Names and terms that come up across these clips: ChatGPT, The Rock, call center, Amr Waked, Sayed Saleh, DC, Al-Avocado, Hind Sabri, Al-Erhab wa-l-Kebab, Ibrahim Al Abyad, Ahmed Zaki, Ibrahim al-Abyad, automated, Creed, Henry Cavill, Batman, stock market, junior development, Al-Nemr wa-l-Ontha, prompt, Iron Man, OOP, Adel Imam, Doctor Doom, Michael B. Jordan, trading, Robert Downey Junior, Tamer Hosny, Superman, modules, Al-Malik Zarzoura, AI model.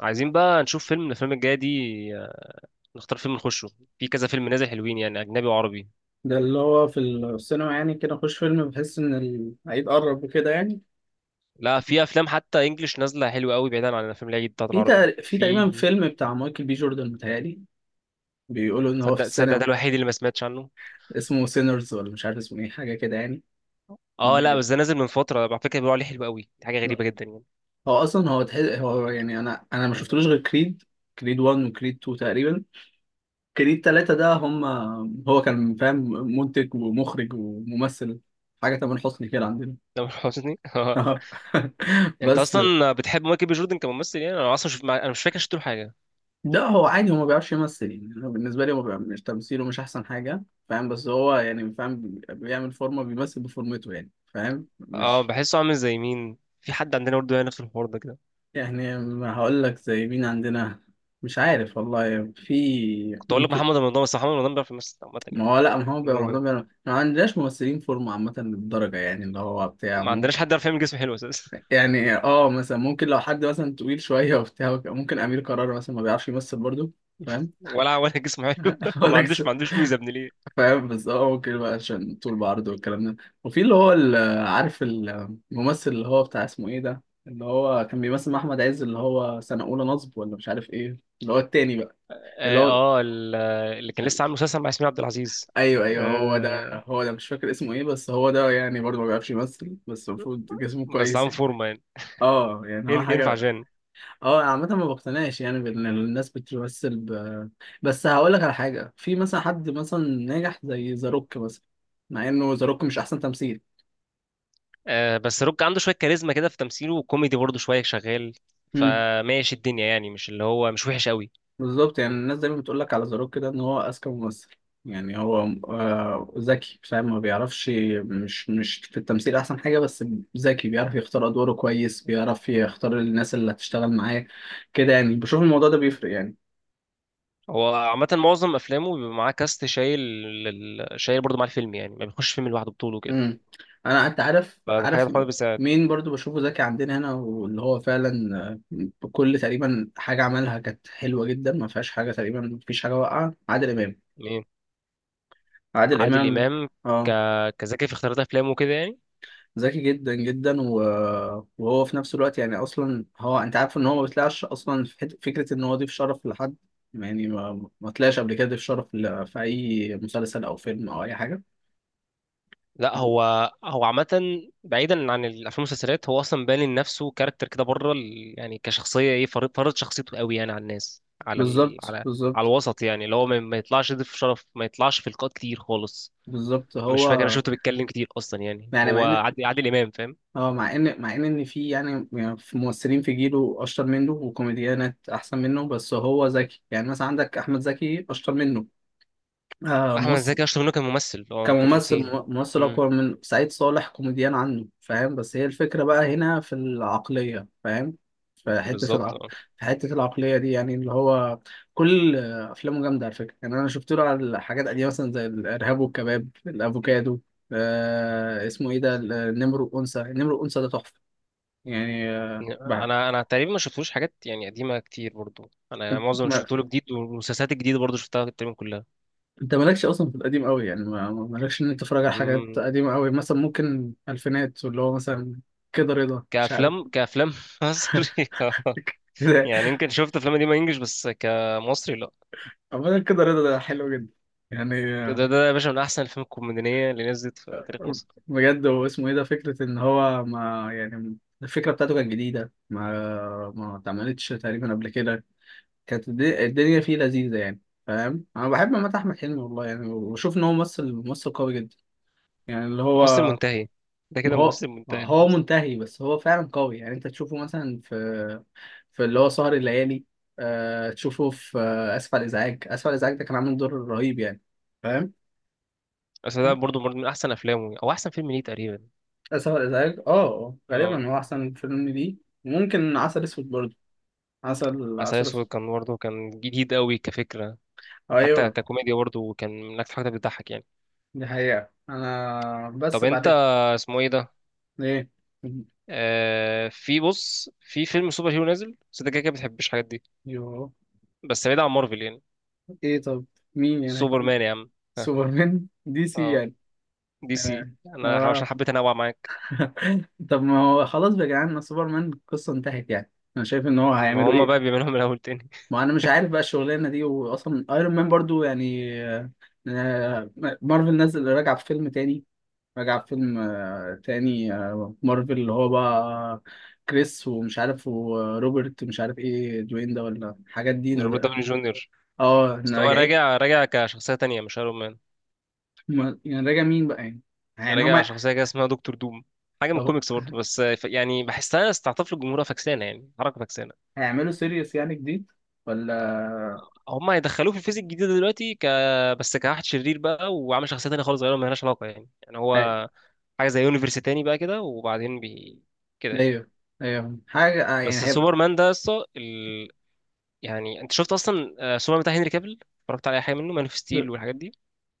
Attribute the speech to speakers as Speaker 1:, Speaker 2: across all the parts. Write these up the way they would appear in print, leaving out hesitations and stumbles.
Speaker 1: عايزين بقى نشوف فيلم من الافلام الجايه دي. آه، نختار فيلم نخشه. في كذا فيلم نازل حلوين، يعني اجنبي وعربي.
Speaker 2: ده اللي هو في السينما يعني كده اخش فيلم بحس ان العيد قرب وكده يعني.
Speaker 1: لا، في افلام حتى انجليش نازله حلوه قوي بعيدا عن الافلام العيد بتاعت
Speaker 2: في
Speaker 1: العربي
Speaker 2: تق- في
Speaker 1: في.
Speaker 2: تقريبا فيلم بتاع مايكل بي جوردن متهيألي بيقولوا ان هو في
Speaker 1: صدق صدق، ده
Speaker 2: السينما،
Speaker 1: الوحيد اللي ما سمعتش عنه.
Speaker 2: اسمه سينرز ولا مش عارف اسمه ايه، حاجه كده يعني.
Speaker 1: اه لا،
Speaker 2: بي-
Speaker 1: بس ده نازل من فتره على فكره، بيقولوا عليه حلو قوي، دي حاجه
Speaker 2: لا.
Speaker 1: غريبه جدا يعني.
Speaker 2: هو اصلا هو تحس هو يعني انا ما شفتلوش غير كريد 1 وكريد 2 تقريبا، كريد 3 ده هم. هو كان فاهم، منتج ومخرج وممثل، حاجه تامر حسني كده عندنا.
Speaker 1: ده مش حسني اه، انت
Speaker 2: بس
Speaker 1: اصلا بتحب مايكل بي جوردن كممثل؟ يعني انا اصلا انا مش فاكر شفت له حاجه.
Speaker 2: لا هو عادي، هو ما بيعرفش يمثل يعني، انا بالنسبه لي هو بيبقى مش تمثيله مش احسن حاجه، فاهم؟ بس هو يعني فاهم، بيعمل فورمه بيمثل بفورمته يعني، فاهم؟
Speaker 1: اه
Speaker 2: مش
Speaker 1: بحسه عامل زي مين، في حد عندنا برضه يعني نفس الحوار ده كده.
Speaker 2: يعني ما هقول لك زي مين عندنا. مش عارف والله، في
Speaker 1: كنت اقول لك
Speaker 2: ممكن.
Speaker 1: محمد رمضان، بس محمد رمضان بيعرف يمثل عامه
Speaker 2: ما
Speaker 1: يعني.
Speaker 2: هو لا، ما هو
Speaker 1: ده
Speaker 2: بيعرف، ده
Speaker 1: مهم،
Speaker 2: بيعرف، ما عندناش ممثلين فورمه عامه للدرجه يعني، اللي هو بتاع
Speaker 1: ما عندناش
Speaker 2: ممكن.
Speaker 1: حد يعرف يعمل جسم حلو اساسا.
Speaker 2: يعني اه، مثلا ممكن لو حد مثلا طويل شويه وبتاع ممكن امير كرارة مثلا ما بيعرفش يمثل برضه، فاهم؟
Speaker 1: ولا جسمه حلو
Speaker 2: هقول
Speaker 1: ما
Speaker 2: لك،
Speaker 1: عندوش ما عندوش ميزه، ابن ليه.
Speaker 2: فاهم؟ بس هو ممكن بقى عشان طول بعرض والكلام ده. وفي اللي هو عارف الممثل اللي هو بتاع، اسمه ايه ده، اللي هو كان بيمثل مع احمد عز، اللي هو سنة اولى نصب، ولا مش عارف ايه اللي هو التاني بقى، اللي
Speaker 1: اه
Speaker 2: هو
Speaker 1: اللي كان
Speaker 2: ال-
Speaker 1: لسه عامل مسلسل مع ياسمين عبد العزيز.
Speaker 2: ايوه ايوه، هو ده.
Speaker 1: آه
Speaker 2: هو ده مش فاكر اسمه ايه، بس هو ده يعني برضه ما بيعرفش يمثل، بس المفروض جسمه
Speaker 1: بس
Speaker 2: كويس
Speaker 1: عامل
Speaker 2: يعني.
Speaker 1: فورمه يعني.
Speaker 2: اه يعني هو
Speaker 1: ينفع
Speaker 2: حاجه.
Speaker 1: جان.
Speaker 2: اه عامه ما بقتنعش يعني بان الناس بتمثل بس هقول لك على حاجه، في مثلا حد مثلا ناجح زي ذا روك مثلا، مع انه ذا روك مش احسن تمثيل.
Speaker 1: آه بس روك عنده شويه كاريزما كده في تمثيله، وكوميدي برضه شويه شغال.
Speaker 2: امم
Speaker 1: فماشي الدنيا يعني، مش اللي هو مش وحش قوي.
Speaker 2: بالظبط. يعني الناس دايما بتقول لك على ذا روك كده ان هو اذكى ممثل، يعني هو ذكي، فاهم؟ ما بيعرفش، مش في التمثيل احسن حاجه، بس ذكي، بيعرف يختار ادواره كويس، بيعرف يختار الناس اللي هتشتغل معاه، كده يعني. بشوف الموضوع ده بيفرق يعني.
Speaker 1: هو عامه معظم افلامه بيبقى معاه كاست شايل، شايل برضه مع الفيلم يعني، ما بيخش فيلم لوحده بطوله كده.
Speaker 2: امم انا انت عارف
Speaker 1: فده حاجه
Speaker 2: عارف
Speaker 1: خالص. بس
Speaker 2: مين برضو بشوفه ذكي عندنا هنا، واللي هو فعلا كل تقريبا حاجه عملها كانت حلوه جدا، ما فيهاش حاجه تقريبا، ما فيش حاجه واقعه، عادل امام.
Speaker 1: مين؟
Speaker 2: عادل
Speaker 1: عادل
Speaker 2: امام،
Speaker 1: امام. ك...
Speaker 2: اه.
Speaker 1: كذكي في اختيارات افلامه كده يعني؟
Speaker 2: ذكي جدا جدا، وهو في نفس الوقت يعني اصلا هو انت عارف ان هو ما بيطلعش اصلا في فكره ان هو ضيف شرف لحد، يعني ما طلعش قبل كده ضيف شرف في اي مسلسل او فيلم او اي حاجه.
Speaker 1: لا، هو عامة، بعيدا عن الافلام والمسلسلات، هو اصلا باني لنفسه كاركتر كده بره يعني كشخصية، ايه، فرض فرض شخصيته قوي يعني على الناس، على
Speaker 2: بالظبط
Speaker 1: على
Speaker 2: بالظبط
Speaker 1: الوسط يعني، اللي هو ما يطلعش يضيف شرف، ما يطلعش في لقاءات كتير خالص.
Speaker 2: بالظبط.
Speaker 1: مش
Speaker 2: هو
Speaker 1: فاكر انا شفته بيتكلم كتير اصلا، يعني
Speaker 2: يعني
Speaker 1: هو
Speaker 2: مع ان
Speaker 1: عادل امام فاهم.
Speaker 2: اه، مع ان مع ان ان في يعني يعني في ممثلين في جيله اشطر منه وكوميديانات احسن منه، بس هو ذكي، يعني مثلا عندك احمد زكي اشطر منه، آه
Speaker 1: احمد
Speaker 2: ممثل.
Speaker 1: زكي اشطر منه كممثل، اه
Speaker 2: كممثل،
Speaker 1: كتمثيل.
Speaker 2: ممثل
Speaker 1: امم
Speaker 2: اقوى من سعيد صالح كوميديان عنه، فاهم؟ بس هي الفكره بقى هنا في العقليه، فاهم؟ في حته
Speaker 1: بالظبط اه.
Speaker 2: في حته العقليه دي يعني، اللي هو كل افلامه جامده على فكره. يعني انا شفت له على حاجات قديمه مثلا زي الارهاب والكباب، الافوكادو، آه، اسمه ايه ده، النمر والانثى. النمر والانثى ده تحفه يعني، بقى.
Speaker 1: انا تقريبا ما شفتوش حاجات يعني قديمه كتير برضو، انا
Speaker 2: انت
Speaker 1: معظم اللي
Speaker 2: ما...
Speaker 1: شفته له جديد، والمسلسلات الجديده برضو شفتها تقريبا
Speaker 2: انت مالكش اصلا في القديم قوي يعني، مالكش ان انت تتفرج على حاجات
Speaker 1: كلها.
Speaker 2: قديمه قوي مثلا، ممكن الفينات، واللي هو مثلا كده رضا، مش عارف
Speaker 1: كأفلام مصري،
Speaker 2: كده.
Speaker 1: يعني يمكن شفت أفلام قديمة إنجلش، بس كمصري لأ.
Speaker 2: عامة كده رضا ده حلو جدا يعني.
Speaker 1: كده ده يا باشا من أحسن الأفلام الكوميدية اللي نزلت في تاريخ مصر.
Speaker 2: بجد، هو اسمه ايه ده، فكرة ان هو ما يعني الفكرة بتاعته كانت جديدة، ما اتعملتش تقريبا قبل كده، كانت الدنيا فيه لذيذة يعني، فاهم؟ انا بحب عامة احمد حلمي والله يعني، وبشوف ان هو ممثل قوي جدا يعني، اللي
Speaker 1: ممثل
Speaker 2: هو
Speaker 1: منتهي، ده
Speaker 2: ما.
Speaker 1: كده
Speaker 2: هو
Speaker 1: ممثل منتهي
Speaker 2: هو
Speaker 1: خلاص.
Speaker 2: منتهي، بس هو فعلا قوي يعني. انت تشوفه مثلا في في اللي هو سهر الليالي، تشوفه في اسف على الازعاج. اسف على الازعاج ده كان عامل دور رهيب يعني، فاهم؟
Speaker 1: بس ده برضه من أحسن أفلامه، أو أحسن فيلم ليه تقريبا.
Speaker 2: آسف على الإزعاج اه،
Speaker 1: اه،
Speaker 2: غالبا هو أحسن فيلم ليه. ممكن عسل أسود برضه، عسل
Speaker 1: عسل
Speaker 2: عسل
Speaker 1: أسود
Speaker 2: أسود.
Speaker 1: كان برضه، كان جديد قوي كفكرة. وحتى
Speaker 2: أيوه.
Speaker 1: ككوميديا برضه كان من أكتر حاجة بتضحك يعني.
Speaker 2: دي حقيقة أنا بس
Speaker 1: طب أنت،
Speaker 2: بعد
Speaker 1: اسمه إيه ده؟
Speaker 2: إيه.
Speaker 1: آه في، بص، في فيلم سوبر هيرو نازل، بس أنت كده كده بتحبش الحاجات دي.
Speaker 2: يو
Speaker 1: بس بعيد عن مارفل يعني.
Speaker 2: إيه طب، مين يعني؟
Speaker 1: سوبر مان يا عم. ها.
Speaker 2: سوبرمان دي سي
Speaker 1: اه،
Speaker 2: يعني.
Speaker 1: دي سي،
Speaker 2: آه،
Speaker 1: انا عشان
Speaker 2: آه.
Speaker 1: حبيت انوع معاك.
Speaker 2: طب ما هو خلاص بقى يا جدعان، ما سوبرمان القصة انتهت يعني، أنا شايف إن هو
Speaker 1: ما
Speaker 2: هيعملوا
Speaker 1: هما
Speaker 2: إيه.
Speaker 1: بقى بيعملوهم من الاول تاني.
Speaker 2: ما أنا مش عارف بقى الشغلانة دي، وأصلا أيرون مان برضه يعني آه، مارفل نزل راجع في فيلم تاني، راجع فيلم تاني مارفل اللي هو بقى كريس ومش عارف، وروبرت مش عارف ايه، دوين ده، ولا الحاجات دي
Speaker 1: روبرت داوني جونيور.
Speaker 2: اه، إن
Speaker 1: بس هو
Speaker 2: راجع ايه.
Speaker 1: راجع، راجع كشخصيه تانية مش ايرون مان.
Speaker 2: يعني راجع مين بقى يعني، يعني
Speaker 1: راجع
Speaker 2: هما.
Speaker 1: شخصيه كده اسمها دكتور دوم، حاجه من
Speaker 2: طب
Speaker 1: الكوميكس برضه، بس يعني بحسها استعطاف للجمهور، فكسانه يعني حركه فكسانه.
Speaker 2: هيعملوا سيريس يعني جديد ولا
Speaker 1: هما هيدخلوه في الفيزيك الجديده دلوقتي بس كواحد شرير بقى، وعامل شخصيه تانية خالص غيره مالهاش علاقه يعني
Speaker 2: هي-
Speaker 1: هو حاجه زي يونيفرس تاني بقى كده، وبعدين كده يعني.
Speaker 2: ايوه ايوه حاجة يعني
Speaker 1: بس
Speaker 2: هيبقى.
Speaker 1: سوبرمان ده يا اسطى، يعني انت شفت اصلا سوبرمان بتاع هنري كابل؟ اتفرجت على اي حاجه منه، مان اوف ستيل والحاجات دي؟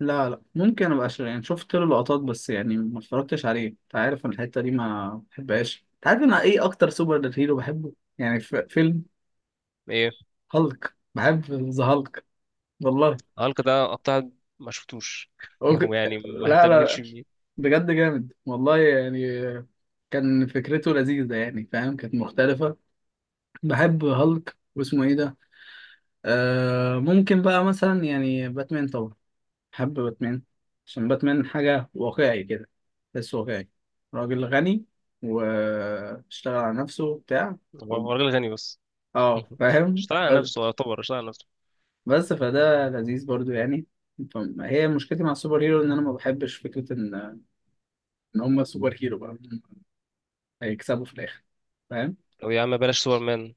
Speaker 2: لا لا، ممكن ابقى يعني شفت له لقطات بس يعني، ما اتفرجتش عليه. انت عارف انا الحتة دي ما بحبهاش. انت عارف انا ايه اكتر سوبر هيرو بحبه؟ يعني في فيلم
Speaker 1: ايه،
Speaker 2: هالك. بحب ذا هالك والله.
Speaker 1: هالك ده قطع، ما شفتوش؟
Speaker 2: أوك...
Speaker 1: هو يعني ما
Speaker 2: لا
Speaker 1: اهتمتش
Speaker 2: لا،
Speaker 1: بيه.
Speaker 2: بجد جامد والله يعني، كان فكرته لذيذة يعني، فاهم؟ كانت مختلفة. بحب هالك واسمه ايه ده، آه ممكن بقى مثلا يعني باتمان طبعا. بحب باتمان عشان باتمان حاجة واقعي كده، بس واقعي، راجل غني واشتغل على نفسه بتاع
Speaker 1: هو
Speaker 2: و...
Speaker 1: هو راجل غني بس.
Speaker 2: اه فاهم.
Speaker 1: اشتغل على نفسه، هو يعتبر اشتغل على نفسه.
Speaker 2: بس فده لذيذ برضو يعني. فهي مشكلتي مع السوبر هيرو ان انا ما بحبش فكره ان ان هم سوبر هيرو بقى هيكسبوا في الاخر، فاهم؟
Speaker 1: طب يا عم بلاش سوبرمان،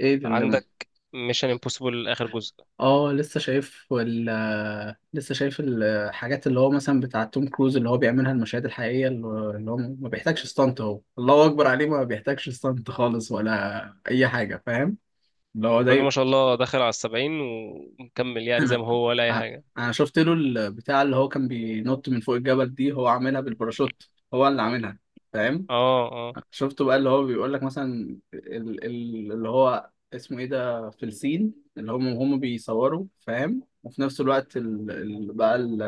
Speaker 2: ايه اللي
Speaker 1: عندك
Speaker 2: ممكن.
Speaker 1: ميشن امبوسيبل اخر جزء.
Speaker 2: اه لسه شايف لسه شايف الحاجات اللي هو مثلا بتاع توم كروز اللي هو بيعملها، المشاهد الحقيقيه، اللي هو اللي هو ما بيحتاجش ستانت، هو الله اكبر عليه، ما بيحتاجش ستانت خالص ولا اي حاجه، فاهم؟ اللي هو
Speaker 1: الراجل ما
Speaker 2: زي
Speaker 1: شاء الله دخل على السبعين ومكمل يعني زي
Speaker 2: انا
Speaker 1: ما هو، ولا اي
Speaker 2: ع-
Speaker 1: حاجه.
Speaker 2: انا شفت له البتاع اللي هو كان بينط من فوق الجبل دي، هو عاملها بالباراشوت، هو اللي عاملها، فاهم؟
Speaker 1: اه آه.
Speaker 2: شفته بقى اللي هو بيقول لك مثلا اللي هو اسمه ايه ده في الصين، اللي هم بيصوروا، فاهم؟ وفي نفس الوقت بقى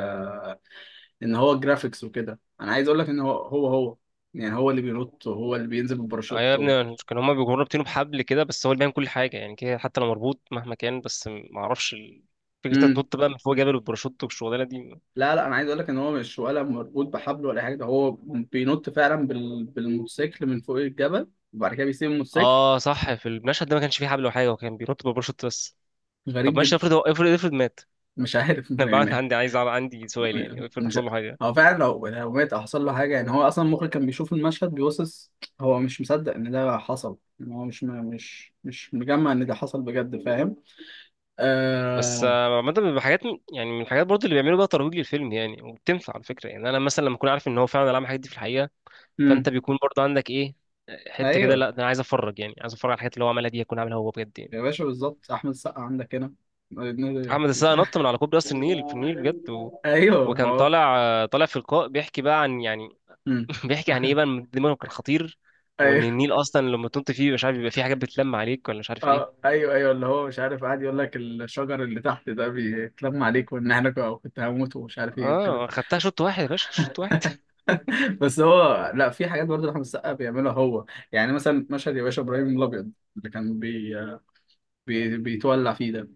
Speaker 2: ان هو جرافيكس وكده، انا عايز اقول لك ان هو يعني هو اللي بينط وهو اللي بينزل
Speaker 1: ايوه يا
Speaker 2: بالباراشوت
Speaker 1: ابني، كان هما بيجروا رابطينه بحبل كده، بس هو اللي بيعمل كل حاجه يعني كده، حتى لو مربوط مهما كان، بس ما اعرفش فكره إنت
Speaker 2: مم.
Speaker 1: تنط بقى من فوق جبل والباراشوت والشغلانه دي.
Speaker 2: لا لا، انا عايز اقول لك ان هو مش ولا مربوط بحبل ولا أي حاجه، ده هو بينط فعلا بالموتوسيكل من فوق الجبل، وبعد كده بيسيب الموتوسيكل.
Speaker 1: اه صح، في المشهد ده ما كانش فيه حبل ولا حاجه، وكان بينط بالباراشوت بس.
Speaker 2: غريب
Speaker 1: طب ماشي،
Speaker 2: جدا.
Speaker 1: افرض هو، افرض مات.
Speaker 2: مش عارف، مش
Speaker 1: انا بقى
Speaker 2: يعني
Speaker 1: عندي، عندي سؤال، يعني افرض
Speaker 2: مش.
Speaker 1: حصل له حاجه.
Speaker 2: هو فعلا لو يعني لو مات او حصل له حاجه يعني، هو اصلا المخرج كان بيشوف المشهد بيبصص، هو مش مصدق ان ده حصل، ان هو مش مجمع ان ده حصل بجد، فاهم؟
Speaker 1: بس
Speaker 2: آه...
Speaker 1: عامه بيبقى حاجات يعني من الحاجات برضه اللي بيعملوا بقى ترويج للفيلم يعني، وبتنفع على فكره، يعني انا مثلا لما اكون عارف ان هو فعلا عمل الحاجات دي في الحقيقه. فانت
Speaker 2: مم.
Speaker 1: بيكون برضه عندك ايه، حته كده،
Speaker 2: ايوه
Speaker 1: لا ده انا عايز اتفرج يعني، عايز اتفرج على الحاجات اللي هو عملها دي، يكون عاملها هو بجد يعني.
Speaker 2: يا باشا بالظبط، احمد السقا عندك هنا.
Speaker 1: احمد السقا نط من على كوبري قصر النيل في النيل بجد، و...
Speaker 2: ايوه ما
Speaker 1: وكان
Speaker 2: هو.
Speaker 1: طالع في لقاء بيحكي بقى عن يعني
Speaker 2: مم.
Speaker 1: بيحكي عن ايه، بقى إن دماغه كان خطير. وان
Speaker 2: ايوه،
Speaker 1: النيل اصلا لما تنط فيه مش عارف، بيبقى فيه حاجات بتلم عليك ولا مش عارف ايه.
Speaker 2: اه ايوه ايوه، اللي هو مش عارف قاعد يقول لك الشجر اللي تحت ده بيتلم عليك، وان احنا كنت هموت ومش عارف ايه والكلام.
Speaker 1: اه خدتها شوط واحد يا باشا، شوط واحد
Speaker 2: بس هو لا، في حاجات برضه احمد السقا بيعملها هو، يعني مثلا مشهد يا باشا ابراهيم الابيض اللي كان بيتولع فيه ده،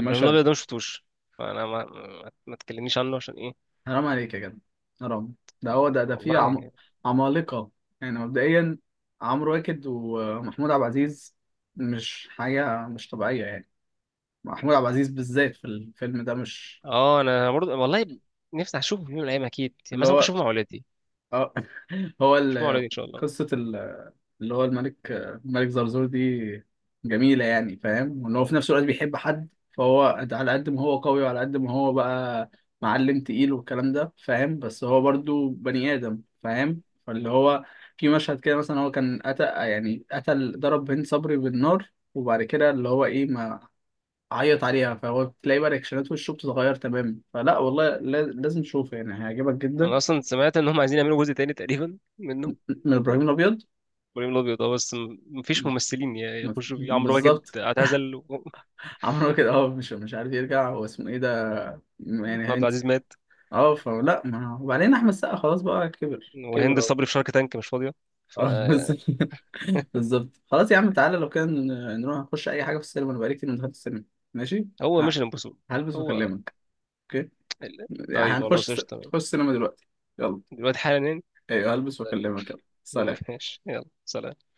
Speaker 1: ابراهيم الابيض ده ما شفتوش، فانا ما تكلمنيش عنه عشان ايه.
Speaker 2: حرام عليك يا جدع، حرام. ده هو ده، ده فيه
Speaker 1: والله.
Speaker 2: عمالقه يعني مبدئيا، عمرو واكد ومحمود عبد العزيز، مش حاجه مش طبيعيه يعني. محمود عبد العزيز بالذات في الفيلم ده مش
Speaker 1: اه، انا برضه والله، نفسي اشوفه في يوم من الايام اكيد، يعني
Speaker 2: اللي
Speaker 1: مثلا ممكن
Speaker 2: هو
Speaker 1: اشوفه مع ولادي.
Speaker 2: آه، هو
Speaker 1: اشوفه مع ولادي ان شاء الله.
Speaker 2: قصه اللي هو الملك، الملك زرزور دي جميلة يعني، فاهم؟ وان هو في نفس الوقت بيحب حد، فهو على قد ما هو قوي وعلى قد ما هو بقى معلم تقيل والكلام ده، فاهم؟ بس هو برضو بني آدم، فاهم؟ فاللي هو في مشهد كده مثلا هو كان قتل يعني قتل، ضرب هند صبري بالنار، وبعد كده اللي هو ايه، ما عيط عليها، فهو تلاقي بقى رياكشنات وشه بتتغير تماما، فلا والله، لازم تشوفه يعني هيعجبك جدا.
Speaker 1: انا اصلا سمعت ان هم عايزين يعملوا جزء تاني تقريبا منه.
Speaker 2: من ابراهيم الابيض
Speaker 1: ابراهيم الابيض، اه بس مفيش ممثلين يعني يخشوا بيه، عمرو واكد
Speaker 2: بالظبط.
Speaker 1: اعتزل
Speaker 2: عمرو كده اه، مش عارف يرجع، هو اسمه ايه ده، يعني
Speaker 1: واحمد عبد
Speaker 2: هينس.
Speaker 1: العزيز مات،
Speaker 2: اه فلا ما، وبعدين احمد السقا خلاص بقى كبر، كبر
Speaker 1: وهند
Speaker 2: اهو.
Speaker 1: صبري في شارك تانك مش فاضيه.
Speaker 2: اه بس.
Speaker 1: فهو
Speaker 2: بالظبط، خلاص يا عم تعالى لو كان، نروح نخش اي حاجه في السينما، انا بقالي كتير ما دخلت السينما. ماشي، ه-
Speaker 1: مش الامبوسيبل.
Speaker 2: هلبس
Speaker 1: هو
Speaker 2: واكلمك. اوكي.
Speaker 1: ال-
Speaker 2: يعني
Speaker 1: طيب
Speaker 2: هنخش
Speaker 1: خلاص
Speaker 2: نخش
Speaker 1: قشطه.
Speaker 2: السينما دلوقتي، يلا.
Speaker 1: دلوقتي حالا يعني؟
Speaker 2: ايوه، هلبس واكلمك، يلا سلام.
Speaker 1: ماشي يلا سلام.